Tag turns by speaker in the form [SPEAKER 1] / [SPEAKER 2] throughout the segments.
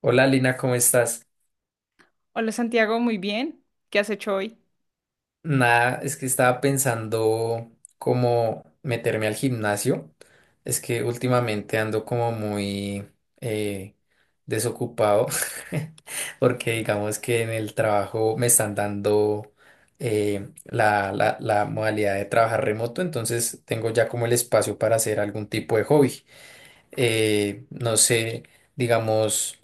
[SPEAKER 1] Hola Lina, ¿cómo estás?
[SPEAKER 2] Hola Santiago, muy bien. ¿Qué has hecho hoy?
[SPEAKER 1] Nada, es que estaba pensando cómo meterme al gimnasio. Es que últimamente ando como muy eh, desocupado porque digamos que en el trabajo me están dando la modalidad de trabajar remoto, entonces tengo ya como el espacio para hacer algún tipo de hobby. No sé, digamos,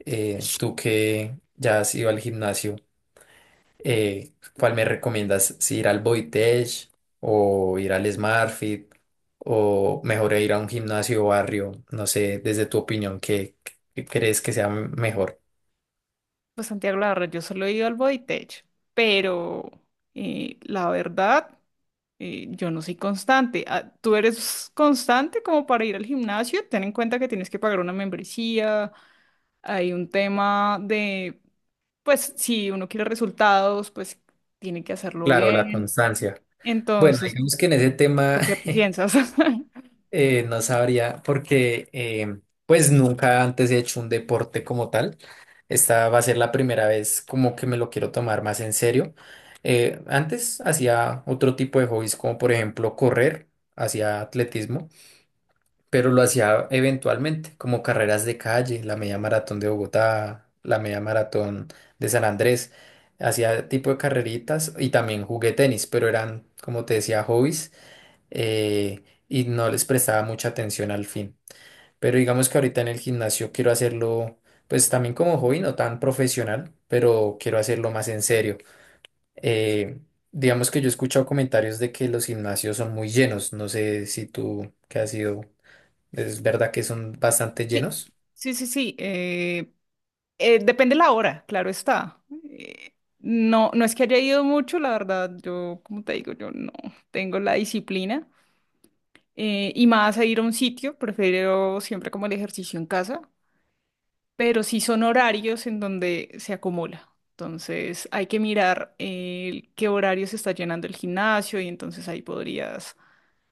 [SPEAKER 1] tú que ya has ido al gimnasio. Eh, ¿Cuál me recomiendas? ¿Si ¿ir al Boitech o ir al SmartFit o mejor ir a un gimnasio barrio? No sé, desde tu opinión, ¿qué crees que sea mejor?
[SPEAKER 2] Pues Santiago, la verdad, yo solo he ido al Bodytech, pero la verdad, yo no soy constante. Ah, ¿tú eres constante como para ir al gimnasio? Ten en cuenta que tienes que pagar una membresía, hay un tema de, pues si uno quiere resultados, pues tiene que hacerlo
[SPEAKER 1] Claro, la
[SPEAKER 2] bien.
[SPEAKER 1] constancia. Bueno,
[SPEAKER 2] Entonces,
[SPEAKER 1] digamos que en ese tema.
[SPEAKER 2] ¿tú qué piensas?
[SPEAKER 1] No sabría, porque pues nunca antes he hecho un deporte como tal. Esta va a ser la primera vez como que me lo quiero tomar más en serio. Antes hacía otro tipo de hobbies, como por ejemplo correr, hacía atletismo, pero lo hacía eventualmente, como carreras de calle, la media maratón de Bogotá, la media maratón de San Andrés. Hacía tipo de carreritas y también jugué tenis, pero eran, como te decía, hobbies, y no les prestaba mucha atención al fin. Pero digamos que ahorita en el gimnasio quiero hacerlo, pues también como hobby, no tan profesional, pero quiero hacerlo más en serio. Eh, digamos que yo he escuchado comentarios de que los gimnasios son muy llenos, no sé si tú, que has ido, es verdad que son bastante
[SPEAKER 2] Sí,
[SPEAKER 1] llenos.
[SPEAKER 2] sí, sí, sí. Depende la hora, claro está. Eh, no, no es que haya ido mucho, la verdad, yo, como te digo, yo no tengo la disciplina. Y más a ir a un sitio, prefiero siempre como el ejercicio en casa, pero sí son horarios en donde se acumula. Entonces hay que mirar qué horario se está llenando el gimnasio y entonces ahí podrías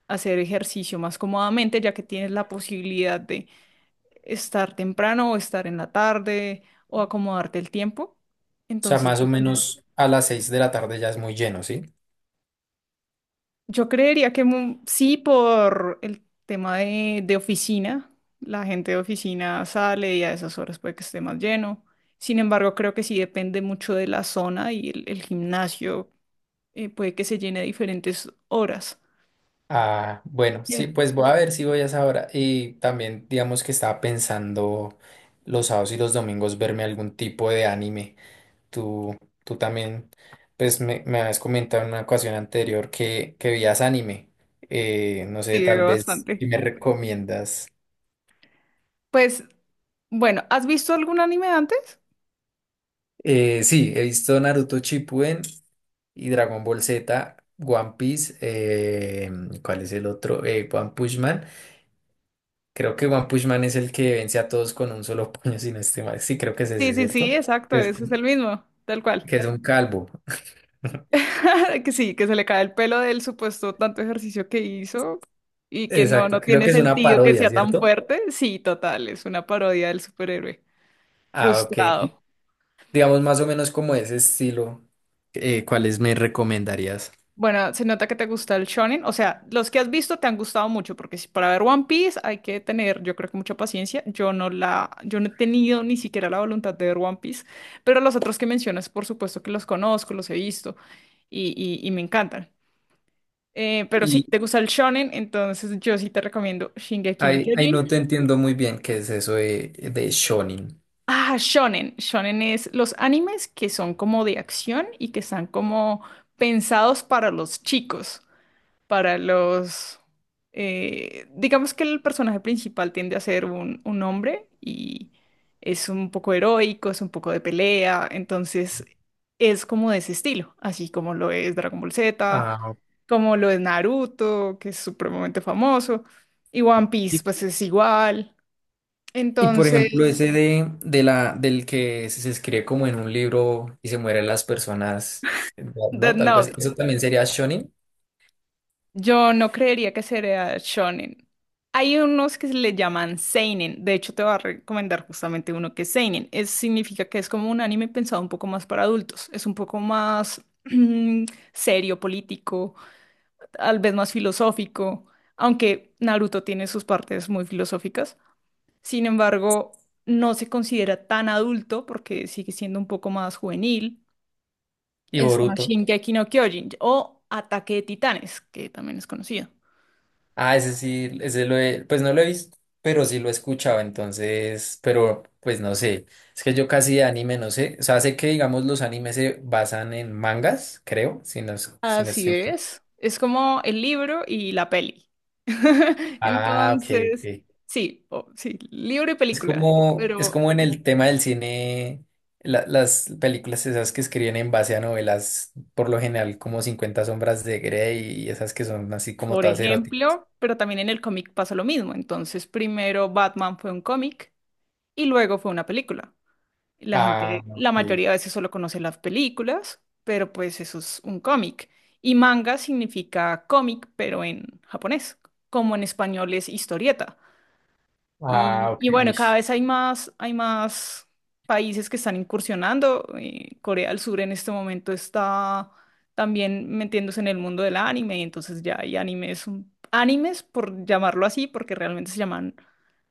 [SPEAKER 2] hacer ejercicio más cómodamente, ya que tienes la posibilidad de estar temprano o estar en la tarde o acomodarte el tiempo.
[SPEAKER 1] O sea,
[SPEAKER 2] Entonces,
[SPEAKER 1] más o menos a las 6 de la tarde ya es muy lleno, ¿sí?
[SPEAKER 2] yo creería que sí, por el tema de oficina, la gente de oficina sale y a esas horas puede que esté más lleno. Sin embargo, creo que sí depende mucho de la zona y el gimnasio puede que se llene a diferentes horas.
[SPEAKER 1] Ah, bueno, sí,
[SPEAKER 2] Bien.
[SPEAKER 1] pues voy a ver si voy a esa hora. Y también, digamos que estaba pensando los sábados y los domingos verme algún tipo de anime. Tú, tú también, pues me habías comentado en una ocasión anterior que veías anime. No sé,
[SPEAKER 2] Sí,
[SPEAKER 1] tal
[SPEAKER 2] veo
[SPEAKER 1] vez
[SPEAKER 2] bastante.
[SPEAKER 1] si me recomiendas.
[SPEAKER 2] Pues, bueno, ¿has visto algún anime antes?
[SPEAKER 1] Sí, he visto Naruto Shippuden y Dragon Ball Z, One Piece, ¿cuál es el otro? One Punch Man. Creo que One Punch Man es el que vence a todos con un solo puño, sin no estoy mal. Sí, creo que es
[SPEAKER 2] Sí,
[SPEAKER 1] ese,
[SPEAKER 2] sí, sí,
[SPEAKER 1] ¿cierto?
[SPEAKER 2] exacto,
[SPEAKER 1] Que es,
[SPEAKER 2] ese es el mismo, tal cual.
[SPEAKER 1] que es un calvo.
[SPEAKER 2] Que sí, que se le cae el pelo del supuesto tanto ejercicio que hizo y que no,
[SPEAKER 1] Exacto,
[SPEAKER 2] no
[SPEAKER 1] creo
[SPEAKER 2] tiene
[SPEAKER 1] que es una
[SPEAKER 2] sentido que
[SPEAKER 1] parodia,
[SPEAKER 2] sea tan
[SPEAKER 1] ¿cierto?
[SPEAKER 2] fuerte. Sí, total, es una parodia del superhéroe.
[SPEAKER 1] Ah, ok.
[SPEAKER 2] Frustrado.
[SPEAKER 1] Digamos más o menos como ese estilo. ¿Cuáles me recomendarías?
[SPEAKER 2] Bueno, se nota que te gusta el shonen. O sea, los que has visto te han gustado mucho, porque si para ver One Piece hay que tener, yo creo que mucha paciencia. Yo no he tenido ni siquiera la voluntad de ver One Piece, pero los otros que mencionas, por supuesto que los conozco, los he visto y me encantan. Pero
[SPEAKER 1] Y
[SPEAKER 2] sí, te gusta el shonen, entonces yo sí te recomiendo Shingeki no
[SPEAKER 1] ahí
[SPEAKER 2] Kyojin.
[SPEAKER 1] no te entiendo muy bien qué es eso de shonen.
[SPEAKER 2] Ah, shonen. Shonen es los animes que son como de acción y que están como pensados para los chicos. para los... digamos que el personaje principal tiende a ser un hombre y es un poco heroico, es un poco de pelea, entonces es como de ese estilo, así como lo es Dragon Ball Z,
[SPEAKER 1] Ah, ok.
[SPEAKER 2] como lo es Naruto, que es supremamente famoso, y One
[SPEAKER 1] Y,
[SPEAKER 2] Piece pues es igual.
[SPEAKER 1] y por ejemplo,
[SPEAKER 2] Entonces,
[SPEAKER 1] ese de la, del que se escribe como en un libro y se mueren las personas,
[SPEAKER 2] Death
[SPEAKER 1] ¿no? Algo así.
[SPEAKER 2] Note.
[SPEAKER 1] ¿Eso también sería shonen
[SPEAKER 2] Yo no creería que sería shonen. Hay unos que se le llaman seinen. De hecho, te voy a recomendar justamente uno que es seinen. Significa que es como un anime pensado un poco más para adultos. Es un poco más serio, político, tal vez más filosófico. Aunque Naruto tiene sus partes muy filosóficas. Sin embargo, no se considera tan adulto porque sigue siendo un poco más juvenil.
[SPEAKER 1] y
[SPEAKER 2] Está
[SPEAKER 1] Boruto?
[SPEAKER 2] Shingeki no Kyojin o Ataque de Titanes, que también es conocido.
[SPEAKER 1] Ah, ese sí, ese lo he, pues no lo he visto, pero sí lo he escuchado, entonces, pero pues no sé, es que yo casi de anime no sé, o sea, sé que digamos los animes se basan en mangas, creo, si no, es- si no
[SPEAKER 2] Así
[SPEAKER 1] estoy mal.
[SPEAKER 2] es. Es como el libro y la peli.
[SPEAKER 1] Ah, ok,
[SPEAKER 2] Entonces,
[SPEAKER 1] ok.
[SPEAKER 2] sí, sí, libro y película.
[SPEAKER 1] Es
[SPEAKER 2] Pero,
[SPEAKER 1] como en el tema del cine, la- las películas esas que escriben en base a novelas, por lo general como 50 sombras de Grey y esas que son así como
[SPEAKER 2] por
[SPEAKER 1] todas eróticas.
[SPEAKER 2] ejemplo, pero también en el cómic pasa lo mismo. Entonces, primero Batman fue un cómic y luego fue una película. La
[SPEAKER 1] Ah,
[SPEAKER 2] gente, la
[SPEAKER 1] ok.
[SPEAKER 2] mayoría de veces solo conoce las películas, pero pues eso es un cómic. Y manga significa cómic, pero en japonés, como en español es historieta.
[SPEAKER 1] Ah,
[SPEAKER 2] Y,
[SPEAKER 1] ok,
[SPEAKER 2] y bueno,
[SPEAKER 1] uy.
[SPEAKER 2] cada vez hay más, países que están incursionando. Corea del Sur en este momento está también metiéndose en el mundo del anime, y entonces ya hay animes, animes por llamarlo así, porque realmente se llaman,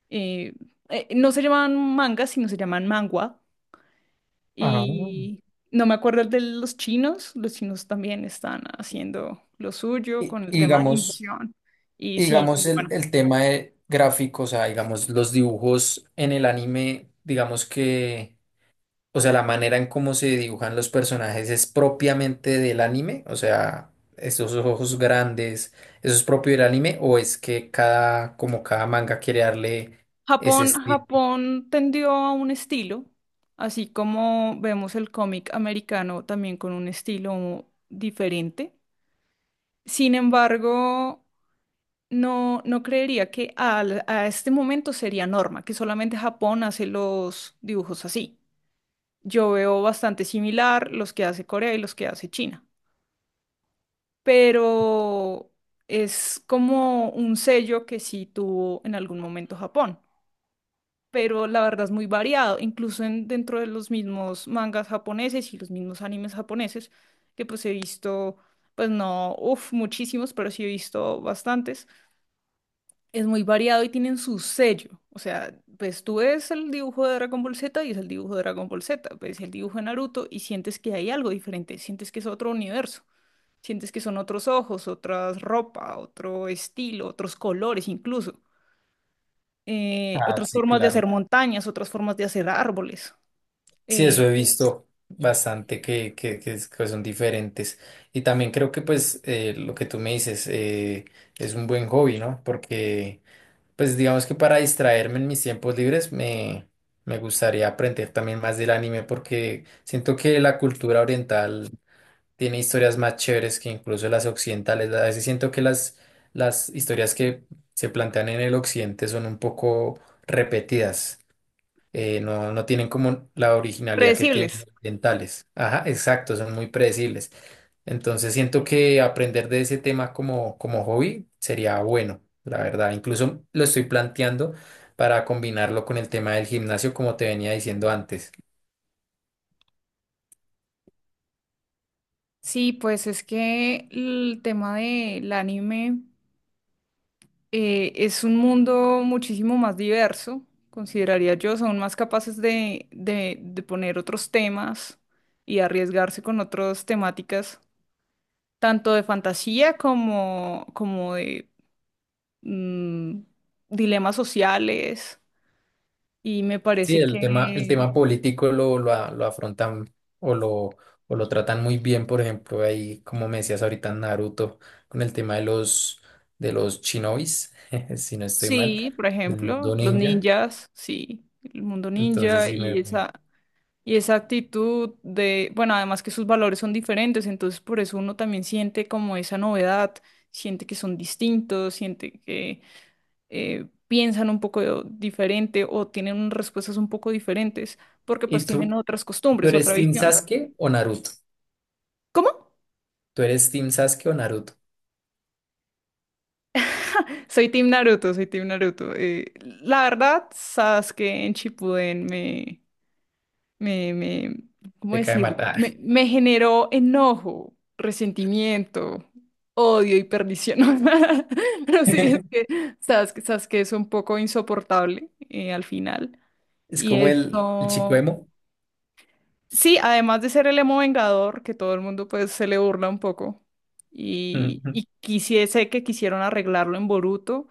[SPEAKER 2] eh, no se llaman mangas, sino se llaman manhwa.
[SPEAKER 1] Ah.
[SPEAKER 2] Y no me acuerdo el de los chinos también están haciendo lo suyo con el
[SPEAKER 1] Y
[SPEAKER 2] tema de
[SPEAKER 1] digamos,
[SPEAKER 2] animación. Y
[SPEAKER 1] y
[SPEAKER 2] sí,
[SPEAKER 1] digamos
[SPEAKER 2] bueno.
[SPEAKER 1] el tema de gráficos, o sea, digamos los dibujos en el anime, digamos que, o sea, la manera en cómo se dibujan los personajes es propiamente del anime, o sea, esos ojos grandes, ¿eso es propio del anime o es que cada, como cada manga quiere darle ese
[SPEAKER 2] Japón,
[SPEAKER 1] estilo?
[SPEAKER 2] Japón tendió a un estilo, así como vemos el cómic americano también con un estilo diferente. Sin embargo, no, no creería que a este momento sería norma, que solamente Japón hace los dibujos así. Yo veo bastante similar los que hace Corea y los que hace China, pero es como un sello que sí tuvo en algún momento Japón. Pero la verdad es muy variado, incluso dentro de los mismos mangas japoneses y los mismos animes japoneses, que pues he visto, pues no, uff, muchísimos, pero sí he visto bastantes. Es muy variado y tienen su sello, o sea, pues tú ves el dibujo de Dragon Ball Z y es el dibujo de Dragon Ball Z, ves el dibujo de Naruto y sientes que hay algo diferente, sientes que es otro universo. Sientes que son otros ojos, otras ropa, otro estilo, otros colores incluso,
[SPEAKER 1] Ah,
[SPEAKER 2] otras
[SPEAKER 1] sí,
[SPEAKER 2] formas de hacer
[SPEAKER 1] claro.
[SPEAKER 2] montañas, otras formas de hacer árboles
[SPEAKER 1] Sí,
[SPEAKER 2] eh,
[SPEAKER 1] eso he visto bastante que es- que son diferentes. Y también creo que pues lo que tú me dices, es un buen hobby, ¿no? Porque pues digamos que para distraerme en mis tiempos libres me gustaría aprender también más del anime porque siento que la cultura oriental tiene historias más chéveres que incluso las occidentales. A veces siento que las historias que se plantean en el occidente son un poco repetidas, no tienen como la originalidad que tienen
[SPEAKER 2] predecibles.
[SPEAKER 1] los orientales. Ajá, exacto, son muy predecibles. Entonces siento que aprender de ese tema como, como hobby sería bueno, la verdad. Incluso lo estoy planteando para combinarlo con el tema del gimnasio, como te venía diciendo antes.
[SPEAKER 2] Sí, pues es que el tema del anime es un mundo muchísimo más diverso, consideraría yo, son más capaces de poner otros temas y arriesgarse con otras temáticas, tanto de fantasía como de mm, dilemas sociales. Y me
[SPEAKER 1] Sí,
[SPEAKER 2] parece
[SPEAKER 1] el
[SPEAKER 2] que
[SPEAKER 1] tema político lo afrontan o lo, o lo tratan muy bien, por ejemplo, ahí, como me decías ahorita, en Naruto, con el tema de los shinobis, si no estoy mal,
[SPEAKER 2] sí, por
[SPEAKER 1] el
[SPEAKER 2] ejemplo,
[SPEAKER 1] mundo
[SPEAKER 2] los
[SPEAKER 1] ninja.
[SPEAKER 2] ninjas, sí, el mundo
[SPEAKER 1] Entonces
[SPEAKER 2] ninja
[SPEAKER 1] sí
[SPEAKER 2] y
[SPEAKER 1] me...
[SPEAKER 2] esa. Y esa actitud de, bueno, además que sus valores son diferentes, entonces por eso uno también siente como esa novedad, siente que son distintos, siente que piensan un poco diferente o tienen unas respuestas un poco diferentes, porque pues
[SPEAKER 1] ¿Y
[SPEAKER 2] tienen
[SPEAKER 1] tú?
[SPEAKER 2] otras
[SPEAKER 1] ¿Tú
[SPEAKER 2] costumbres, otra
[SPEAKER 1] eres Team
[SPEAKER 2] visión.
[SPEAKER 1] Sasuke o Naruto?
[SPEAKER 2] ¿Cómo?
[SPEAKER 1] ¿Tú eres Team Sasuke o Naruto?
[SPEAKER 2] Soy Team Naruto, soy Team Naruto. La verdad, Sasuke en Shippuden me, me, ¿cómo
[SPEAKER 1] Te cae
[SPEAKER 2] decirlo?
[SPEAKER 1] mal. Ah.
[SPEAKER 2] Me generó enojo, resentimiento, odio y perdición. Pero sí, es que sabes que es un poco insoportable al final.
[SPEAKER 1] Es
[SPEAKER 2] Y
[SPEAKER 1] como el chico
[SPEAKER 2] eso,
[SPEAKER 1] emo.
[SPEAKER 2] sí, además de ser el emo vengador, que todo el mundo pues se le burla un poco. Y quisiese que quisieron arreglarlo en Boruto,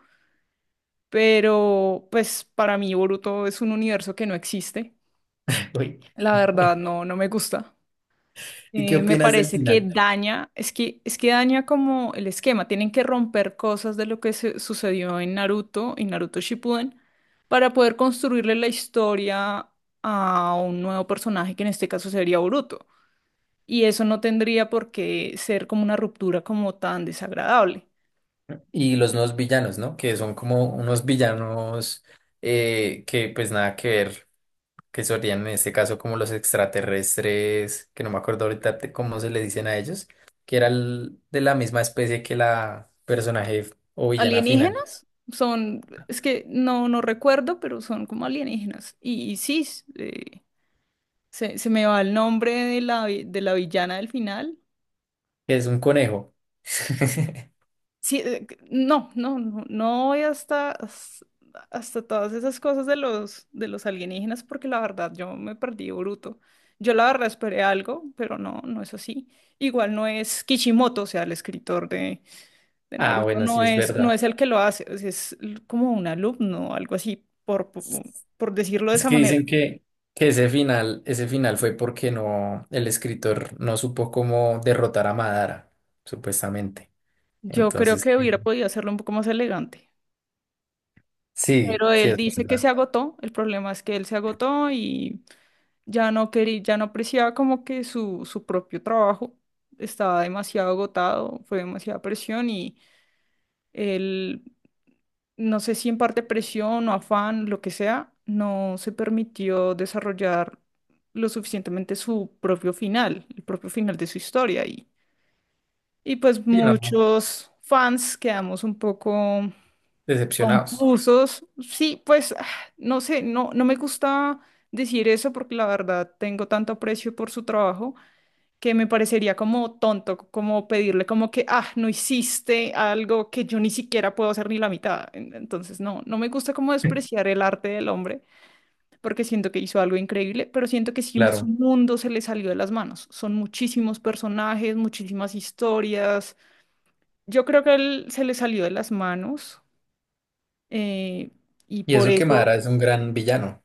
[SPEAKER 2] pero pues para mí Boruto es un universo que no existe.
[SPEAKER 1] Uy.
[SPEAKER 2] La verdad, no, no me gusta.
[SPEAKER 1] ¿Y qué
[SPEAKER 2] Me
[SPEAKER 1] opinas del
[SPEAKER 2] parece que
[SPEAKER 1] final
[SPEAKER 2] daña, es que daña como el esquema. Tienen que romper cosas de lo que sucedió en Naruto y Naruto Shippuden para poder construirle la historia a un nuevo personaje que en este caso sería Boruto. Y eso no tendría por qué ser como una ruptura como tan desagradable.
[SPEAKER 1] y los nuevos villanos, ¿no? Que son como unos villanos, que pues nada que ver, que serían en este caso como los extraterrestres, que no me acuerdo ahorita de cómo se le dicen a ellos, que era el- de la misma especie que la personaje o villana final,
[SPEAKER 2] ¿Alienígenas? Son, es que no, no recuerdo, pero son como alienígenas. Y sí, se me va el nombre de de la villana del final.
[SPEAKER 1] que es un conejo.
[SPEAKER 2] Sí, no, no, no, no voy hasta todas esas cosas de los alienígenas porque la verdad yo me perdí bruto. Yo la verdad esperé algo, pero no, no es así. Igual no es Kishimoto, o sea, el escritor de
[SPEAKER 1] Ah,
[SPEAKER 2] Naruto
[SPEAKER 1] bueno, sí
[SPEAKER 2] no
[SPEAKER 1] es
[SPEAKER 2] es, no
[SPEAKER 1] verdad.
[SPEAKER 2] es el que lo hace, o sea, como un alumno, algo así, por decirlo de
[SPEAKER 1] Es
[SPEAKER 2] esa
[SPEAKER 1] que
[SPEAKER 2] manera.
[SPEAKER 1] dicen que ese final fue porque no, el escritor no supo cómo derrotar a Madara, supuestamente.
[SPEAKER 2] Yo creo
[SPEAKER 1] Entonces,
[SPEAKER 2] que hubiera podido hacerlo un poco más elegante.
[SPEAKER 1] sí,
[SPEAKER 2] Pero
[SPEAKER 1] sí,
[SPEAKER 2] él
[SPEAKER 1] es
[SPEAKER 2] dice que se
[SPEAKER 1] verdad.
[SPEAKER 2] agotó, el problema es que él se agotó y ya no quería, ya no apreciaba como que su propio trabajo estaba demasiado agotado, fue demasiada presión y él, no sé si en parte presión o afán, lo que sea, no se permitió desarrollar lo suficientemente su propio final, el propio final de su historia y pues
[SPEAKER 1] Sí, no,
[SPEAKER 2] muchos fans quedamos un poco
[SPEAKER 1] decepcionados.
[SPEAKER 2] confusos. Sí, pues ah, no sé, no, no me gusta decir eso porque la verdad tengo tanto aprecio por su trabajo que me parecería como tonto, como pedirle como que, ah, no hiciste algo que yo ni siquiera puedo hacer ni la mitad. Entonces, no, no me gusta como despreciar el arte del hombre porque siento que hizo algo increíble, pero siento que sí, su
[SPEAKER 1] Claro.
[SPEAKER 2] mundo se le salió de las manos. Son muchísimos personajes, muchísimas historias. Yo creo que él se le salió de las manos. eh, y
[SPEAKER 1] Y
[SPEAKER 2] por
[SPEAKER 1] eso que
[SPEAKER 2] eso
[SPEAKER 1] Madara es un gran villano.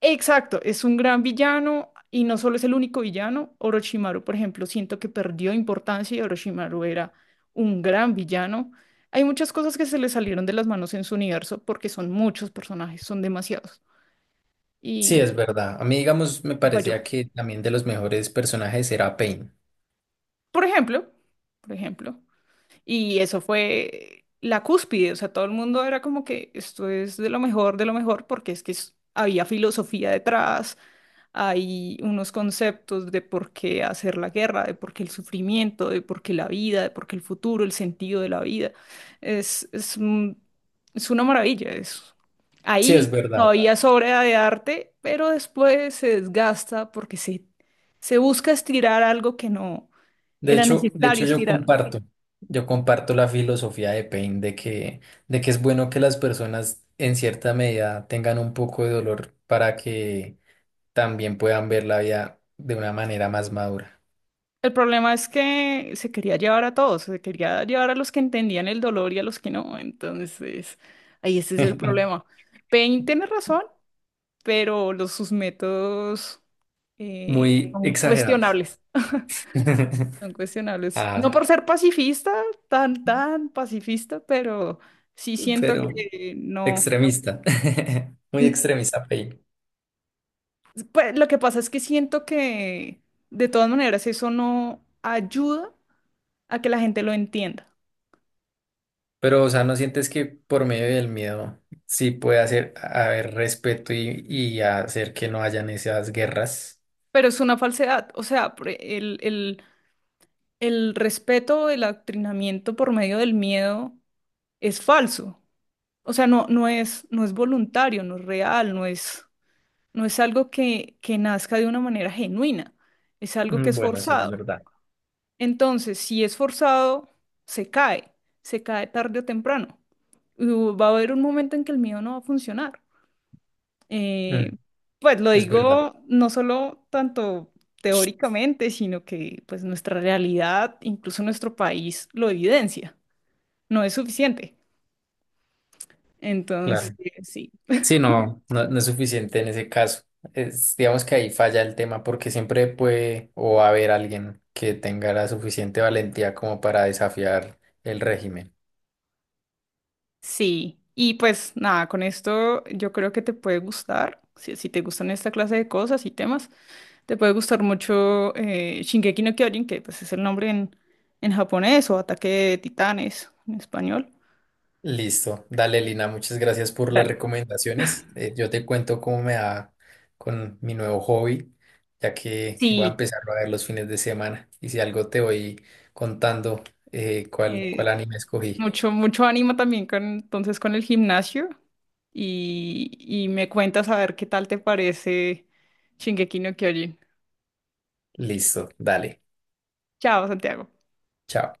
[SPEAKER 2] exacto, es un gran villano y no solo es el único villano. Orochimaru, por ejemplo, siento que perdió importancia y Orochimaru era un gran villano. Hay muchas cosas que se le salieron de las manos en su universo porque son muchos personajes, son demasiados.
[SPEAKER 1] Sí,
[SPEAKER 2] Y,
[SPEAKER 1] es verdad. A mí, digamos, me
[SPEAKER 2] y falló.
[SPEAKER 1] parecía que también de los mejores personajes era Pain.
[SPEAKER 2] Por ejemplo, por ejemplo, y eso fue la cúspide, o sea, todo el mundo era como que esto es de lo mejor, porque es que había filosofía detrás, hay unos conceptos de por qué hacer la guerra, de por qué el sufrimiento, de por qué la vida, de por qué el futuro, el sentido de la vida. Es, es, un- es una maravilla eso.
[SPEAKER 1] Sí,
[SPEAKER 2] Ahí
[SPEAKER 1] es verdad.
[SPEAKER 2] todavía sobra de arte, pero después se desgasta porque se busca estirar algo que no
[SPEAKER 1] De
[SPEAKER 2] era
[SPEAKER 1] hecho, de
[SPEAKER 2] necesario
[SPEAKER 1] hecho yo
[SPEAKER 2] estirar.
[SPEAKER 1] comparto, yo comparto la filosofía de Pain de de que es bueno que las personas en cierta medida tengan un poco de dolor para que también puedan ver la vida de una manera más madura.
[SPEAKER 2] El problema es que se quería llevar a todos, se quería llevar a los que entendían el dolor y a los que no. Entonces, ahí ese es el problema. Pain tiene razón, pero sus métodos
[SPEAKER 1] Muy
[SPEAKER 2] son
[SPEAKER 1] exagerados.
[SPEAKER 2] cuestionables, son cuestionables. No
[SPEAKER 1] Ah.
[SPEAKER 2] por ser pacifista, tan, tan pacifista, pero sí siento
[SPEAKER 1] Pero
[SPEAKER 2] que no.
[SPEAKER 1] extremista, muy
[SPEAKER 2] n-
[SPEAKER 1] extremista, Pei.
[SPEAKER 2] Pues lo que pasa es que siento que de todas maneras eso no ayuda a que la gente lo entienda,
[SPEAKER 1] Pero, o sea, ¿no sientes que por medio del miedo sí puede hacer haber respeto y hacer que no hayan esas guerras?
[SPEAKER 2] pero es una falsedad. O sea, por el respeto, el adoctrinamiento por medio del miedo es falso. O sea, no, no es, no es voluntario, no es real, no es. No es algo que nazca de una manera genuina, es algo que
[SPEAKER 1] Mm,
[SPEAKER 2] es
[SPEAKER 1] bueno, sí, es
[SPEAKER 2] forzado.
[SPEAKER 1] verdad.
[SPEAKER 2] Entonces, si es forzado, se cae, se cae tarde o temprano. Y va a haber un momento en que el miedo no va a funcionar.
[SPEAKER 1] Mm,
[SPEAKER 2] Eh, pues lo
[SPEAKER 1] es verdad,
[SPEAKER 2] digo no solo tanto teóricamente, sino que pues nuestra realidad, incluso nuestro país, lo evidencia. No es suficiente. Entonces,
[SPEAKER 1] claro.
[SPEAKER 2] sí.
[SPEAKER 1] Sí, no, no, no es suficiente en ese caso. Es, digamos que ahí falla el tema porque siempre puede o va a haber alguien que tenga la suficiente valentía como para desafiar el régimen.
[SPEAKER 2] Sí, y pues nada, con esto yo creo que te puede gustar, si te gustan esta clase de cosas y temas, te puede gustar mucho Shingeki no Kyojin, que pues es el nombre en japonés o Ataque de Titanes en español.
[SPEAKER 1] Listo. Dale, Lina, muchas gracias por las
[SPEAKER 2] Dale.
[SPEAKER 1] recomendaciones. Yo te cuento cómo me va con mi nuevo hobby, ya que voy a
[SPEAKER 2] Sí,
[SPEAKER 1] empezarlo a ver los fines de semana. Y si algo te voy contando,
[SPEAKER 2] eh,
[SPEAKER 1] cuál anime escogí.
[SPEAKER 2] mucho, mucho ánimo también entonces con el gimnasio y me cuentas a ver qué tal te parece Shingeki no Kyojin.
[SPEAKER 1] Listo, dale.
[SPEAKER 2] Chao, Santiago.
[SPEAKER 1] Chao.